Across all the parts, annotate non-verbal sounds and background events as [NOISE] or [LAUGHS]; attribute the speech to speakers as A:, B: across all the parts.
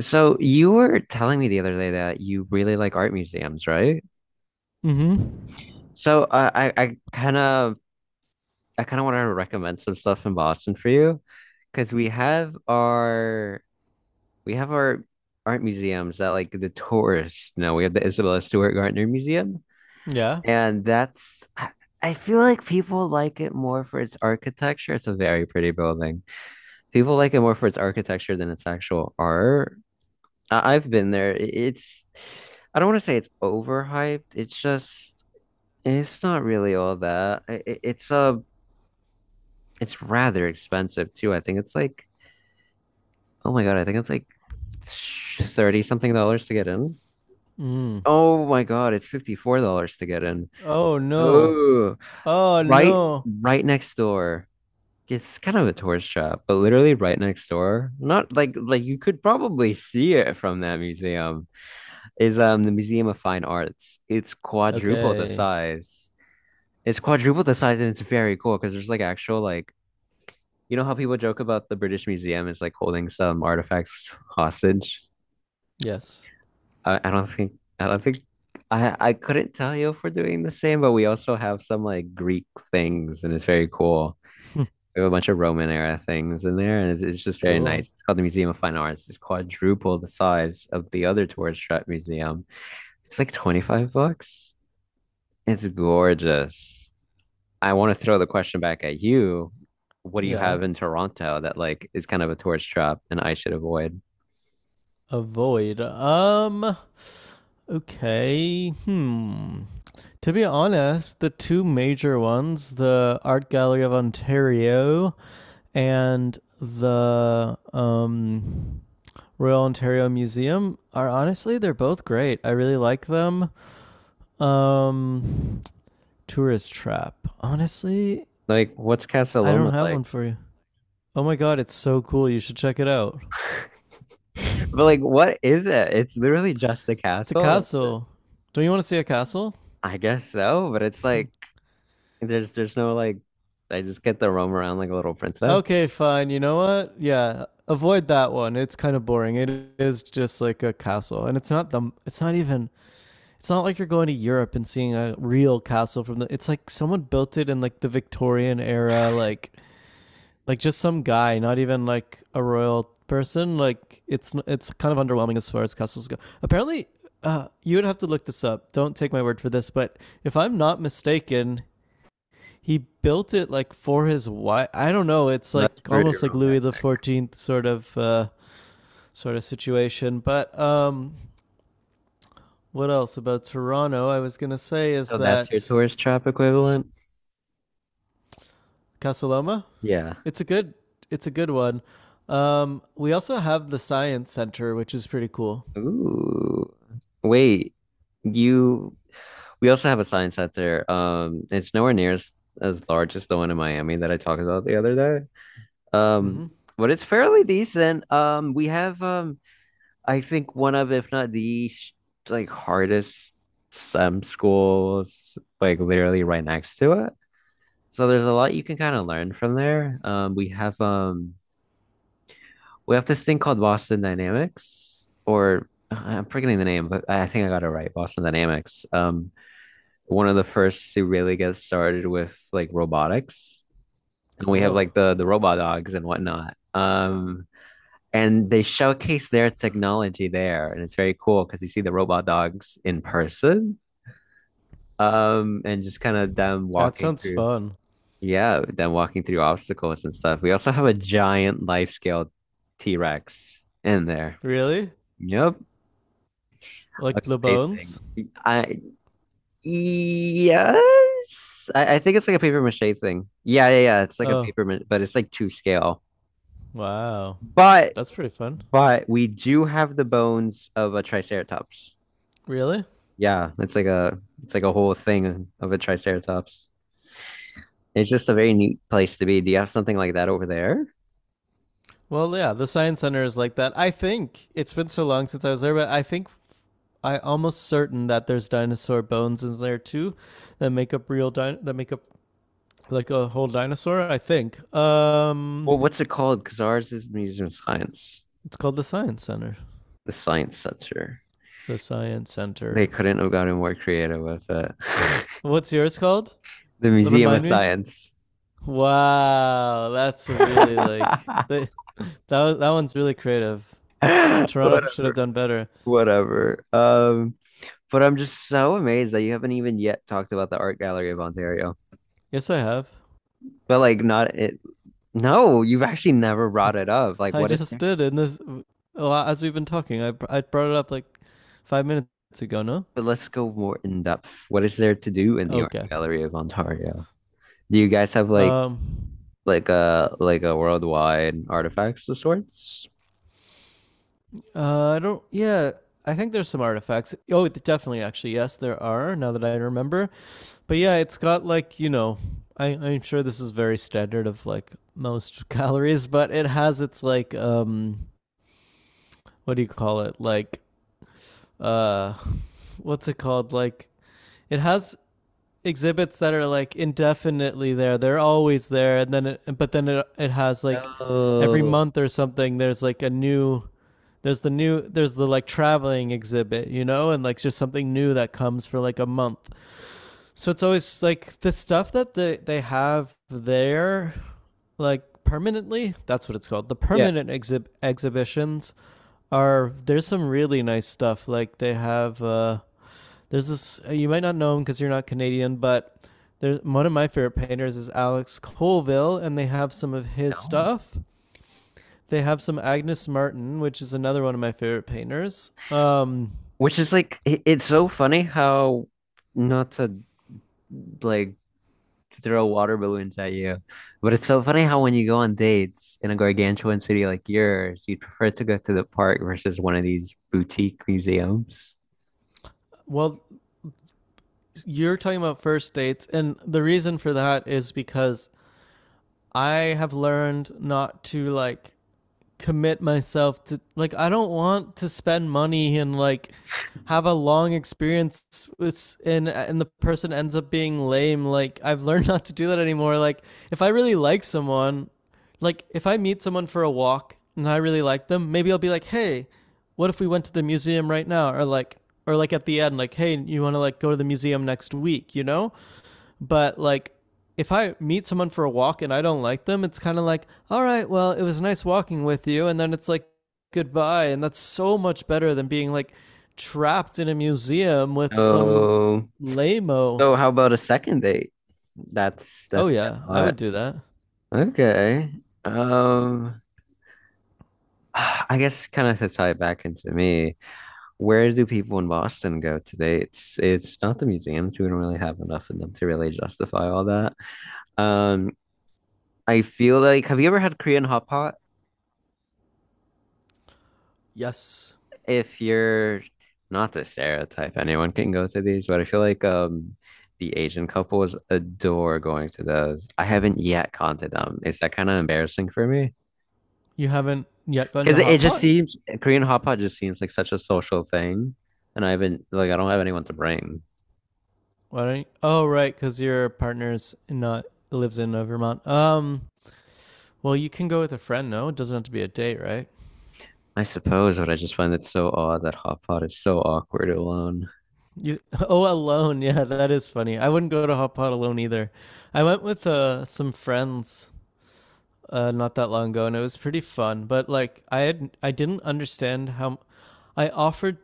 A: So you were telling me the other day that you really like art museums, right?
B: Mm-hmm.
A: So I I kind of want to recommend some stuff in Boston for you because we have our art museums that like the tourists know. We have the Isabella Stewart Gardner Museum,
B: Yeah.
A: and that's I feel like people like it more for its architecture. It's a very pretty building. People like it more for its architecture than its actual art. I've been there. I- It's I don't want to say it's overhyped. It's just it's not really all that. It's it's rather expensive too. I think it's like oh my God, I think it's like 30 something dollars to get in.
B: Mm.
A: Oh my God, it's $54 to get in.
B: Oh no.
A: Oh,
B: Oh
A: right
B: no.
A: right next door. It's kind of a tourist trap, but literally right next door. Not like you could probably see it from that museum. Is the Museum of Fine Arts. It's quadruple the
B: Okay.
A: size. It's quadruple the size, and it's very cool because there's like actual like you know how people joke about the British Museum is like holding some artifacts hostage.
B: Yes.
A: I don't think I don't think I couldn't tell you if we're doing the same, but we also have some like Greek things, and it's very cool.
B: [LAUGHS]
A: We have a bunch of Roman era things in there, and it's just very nice.
B: Cool.
A: It's called the Museum of Fine Arts. It's quadruple the size of the other tourist trap museum. It's like $25. It's gorgeous. I want to throw the question back at you. What do you
B: Yeah.
A: have in Toronto that like is kind of a tourist trap and I should avoid?
B: Avoid. Okay. Hmm. To be honest, the two major ones, the Art Gallery of Ontario and the Royal Ontario Museum, are honestly they're both great. I really like them. Um, tourist trap. Honestly,
A: Like, what's Casa
B: I don't
A: Loma
B: have
A: like?
B: one for you. Oh my god, it's so cool. You should check it out.
A: [LAUGHS] But like, what is it? It's literally just the
B: It's a
A: castle. That's it.
B: castle. Don't you want to see a castle?
A: I guess so, but it's like
B: [LAUGHS]
A: there's no like I just get to roam around like a little princess.
B: Okay, fine. You know what? Yeah, avoid that one. It's kind of boring. It is just like a castle, and it's not the. It's not even. It's not like you're going to Europe and seeing a real castle from the. It's like someone built it in like the Victorian era, like just some guy, not even like a royal person. Like it's kind of underwhelming as far as castles go. Apparently, you would have to look this up. Don't take my word for this, but if I'm not mistaken, he built it like for his wife. I don't know. It's like
A: That's pretty
B: almost like Louis the
A: romantic.
B: XIV sort of situation. But what else about Toronto? I was gonna say is
A: So that's your
B: that
A: tourist trap equivalent?
B: Casaloma.
A: Yeah.
B: It's a good. It's a good one. We also have the Science Center, which is pretty cool.
A: Ooh. Wait, you we also have a science out there. It's nowhere near as large as the one in Miami that I talked about the other day. Um,
B: Mm-hmm.
A: but it's fairly decent. We have I think one of, if not the sh- like hardest STEM schools like literally right next to it. So there's a lot you can kind of learn from there. We have this thing called Boston Dynamics, or I'm forgetting the name, but I think I got it right. Boston Dynamics. One of the first to really get started with like robotics, and we have
B: Cool.
A: like the robot dogs and whatnot. And they showcase their technology there, and it's very cool because you see the robot dogs in person, and just kind of them
B: That
A: walking
B: sounds
A: through.
B: fun.
A: Yeah, them walking through obstacles and stuff. We also have a giant life scale T-Rex in there.
B: Really?
A: Yep.
B: Like
A: of
B: the
A: spacing.
B: bones?
A: I yes, I think it's like a paper mache thing. Yeah, yeah, yeah. It's like a
B: Oh,
A: but it's like two scale.
B: wow.
A: But
B: That's pretty fun.
A: but we do have the bones of a triceratops.
B: Really?
A: Yeah, it's like a whole thing of a triceratops. It's just a very neat place to be. Do you have something like that over there?
B: Well, yeah, the Science Center is like that. I think it's been so long since I was there, but I think I almost certain that there's dinosaur bones in there too that make up like a whole dinosaur, I think.
A: Well, what's it called? Because ours is Museum of Science,
B: It's called the Science Center.
A: the science center.
B: The Science
A: They
B: Center.
A: couldn't have gotten more creative with it. [LAUGHS]
B: What's yours called?
A: The Museum of
B: Remind me?
A: Science.
B: Wow, that's a really like
A: [LAUGHS]
B: they That that one's really creative. Toronto [LAUGHS] should
A: Whatever.
B: have done better.
A: Whatever. But I'm just so amazed that you haven't even yet talked about the Art Gallery of Ontario.
B: Yes, I have.
A: But like not it no, you've actually never brought it up. Like
B: I
A: what is
B: just
A: there?
B: did in this. Well, as we've been talking, I brought it up like 5 minutes ago. No.
A: But let's go more in depth. What is there to do in the Art
B: Okay.
A: Gallery of Ontario? Do you guys have like
B: Um.
A: like a worldwide artifacts of sorts?
B: I don't. Yeah. I think there's some artifacts. Oh, definitely. Actually, yes, there are. Now that I remember. But yeah, it's got like you know. I'm sure this is very standard of like most [LAUGHS] galleries, but it has its like. What do you call it? Like uh. [LAUGHS] What's it called? Like it has exhibits that are like indefinitely there. They're always there, and then it, but then it has like every
A: Oh,
B: month or something. There's the like traveling exhibit, you know, and like just something new that comes for like a month. So it's always like the stuff that they have there, like permanently, that's what it's called, the
A: yeah.
B: exhibitions are, there's some really nice stuff, like they have there's this. You might not know him because you're not Canadian, but there's one of my favorite painters is Alex Colville, and they have some of his
A: No.
B: stuff. They have some Agnes Martin, which is another one of my favorite painters.
A: Which is like it's so funny how not to like to throw water balloons at you. But it's so funny how when you go on dates in a gargantuan city like yours, you'd prefer to go to the park versus one of these boutique museums.
B: Well, you're talking about first dates, and the reason for that is because I have learned not to like commit myself to like I don't want to spend money and like have a long experience with and the person ends up being lame like I've learned [LAUGHS] not to do that anymore like if I really like someone like if I meet someone for a walk and I really like them, maybe I'll be like hey, what if we went to the museum right now, or like at the end like hey, you want to like go to the museum next week, you know, but like if I meet someone for a walk and I don't like them, it's kind of like, all right, well, it was nice walking with you. And then it's like, goodbye. And that's so much better than being like trapped in a museum with some
A: So,
B: lameo.
A: so how about a second date? That's
B: Oh,
A: that's
B: yeah,
A: a
B: I would
A: lot.
B: do that.
A: Okay. Um, [SIGHS] I guess kind of to tie it back into me. Where do people in Boston go today? It's not the museums. We don't really have enough of them to really justify all that. Um, I feel like have you ever had Korean hot pot?
B: Yes.
A: If you're not to stereotype, anyone can go to these, but I feel like the Asian couples adore going to those. I haven't yet gone to them. Is that kind of embarrassing for me?
B: You haven't yet gone
A: Because
B: to
A: it
B: hot
A: just
B: pot?
A: seems Korean hot pot just seems like such a social thing, and I haven't like I don't have anyone to bring.
B: Why don't you? Oh, right, because your partner's not lives in Vermont. Well, you can go with a friend, no? It doesn't have to be a date, right?
A: I suppose, but I just find it so odd that hot pot is so awkward alone.
B: You, [LAUGHS] oh, alone. Yeah, that is funny. I wouldn't go to hot pot alone either. I went with some friends not that long ago, and it was pretty fun. But like, I didn't understand how I offered.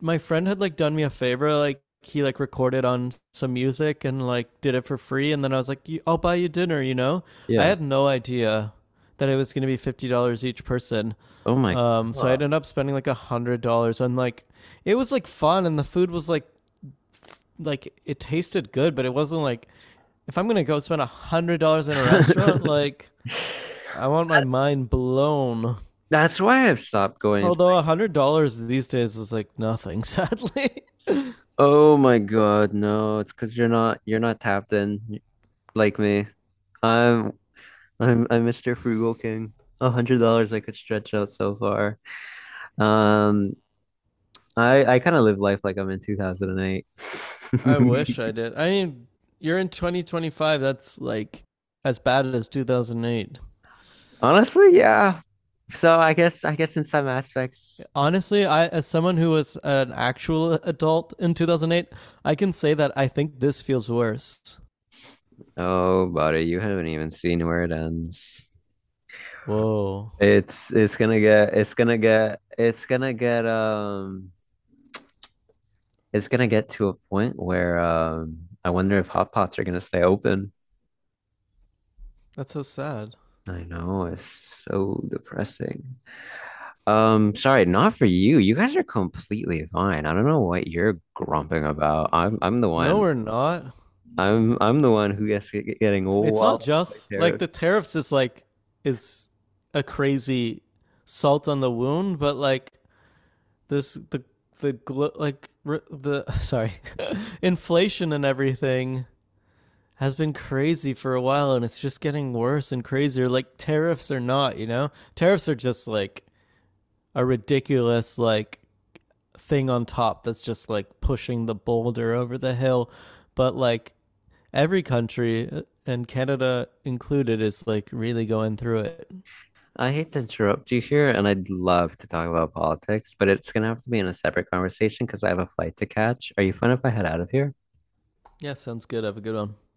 B: My friend had like done me a favor, like he like recorded on some music and like did it for free, and then I was like, "I'll buy you dinner," you know. I
A: Yeah.
B: had no idea that it was gonna be $50 each person.
A: Oh my
B: So I
A: God.
B: ended up spending like $100 on like it was like fun and the food was like it tasted good, but it wasn't like if I'm gonna go spend $100 in a restaurant,
A: [LAUGHS]
B: like I want my
A: That,
B: mind blown.
A: that's why I've stopped going.
B: Although $100 these days is like nothing, sadly.
A: Oh my God, no, it's because you're not tapped in like me. I'm I'm Mr. Frugal King. $100 I could stretch out so far. Um, I kind of live life like I'm in 2008.
B: [LAUGHS]
A: [LAUGHS]
B: I wish I did. I mean, you're in 2025. That's like as bad as 2008.
A: Honestly, yeah. I guess in some aspects.
B: Honestly, I as someone who was an actual adult in 2008, I can say that I think this feels worse.
A: Oh, buddy, you haven't even seen where it ends.
B: Whoa,
A: It's gonna get it's gonna get it's gonna get it's gonna get to a point where I wonder if hot pots are gonna stay open.
B: that's so sad.
A: I know it's so depressing. Sorry, not for you. You guys are completely fine. I don't know what you're grumping about. I'm the
B: No,
A: one.
B: we're not.
A: I'm the one who gets getting all
B: It's not
A: wild
B: just like
A: terrible.
B: the tariffs is like is a crazy salt on the wound, but like this the the like the sorry [LAUGHS] inflation and everything has been crazy for a while and it's just getting worse and crazier like tariffs are not you know tariffs are just like a ridiculous like thing on top that's just like pushing the boulder over the hill but like every country and Canada included is like really going through it.
A: I hate to interrupt you here, and I'd love to talk about politics, but it's gonna have to be in a separate conversation because I have a flight to catch. Are you fine if I head out of here?
B: Yeah, sounds good. Have a good one.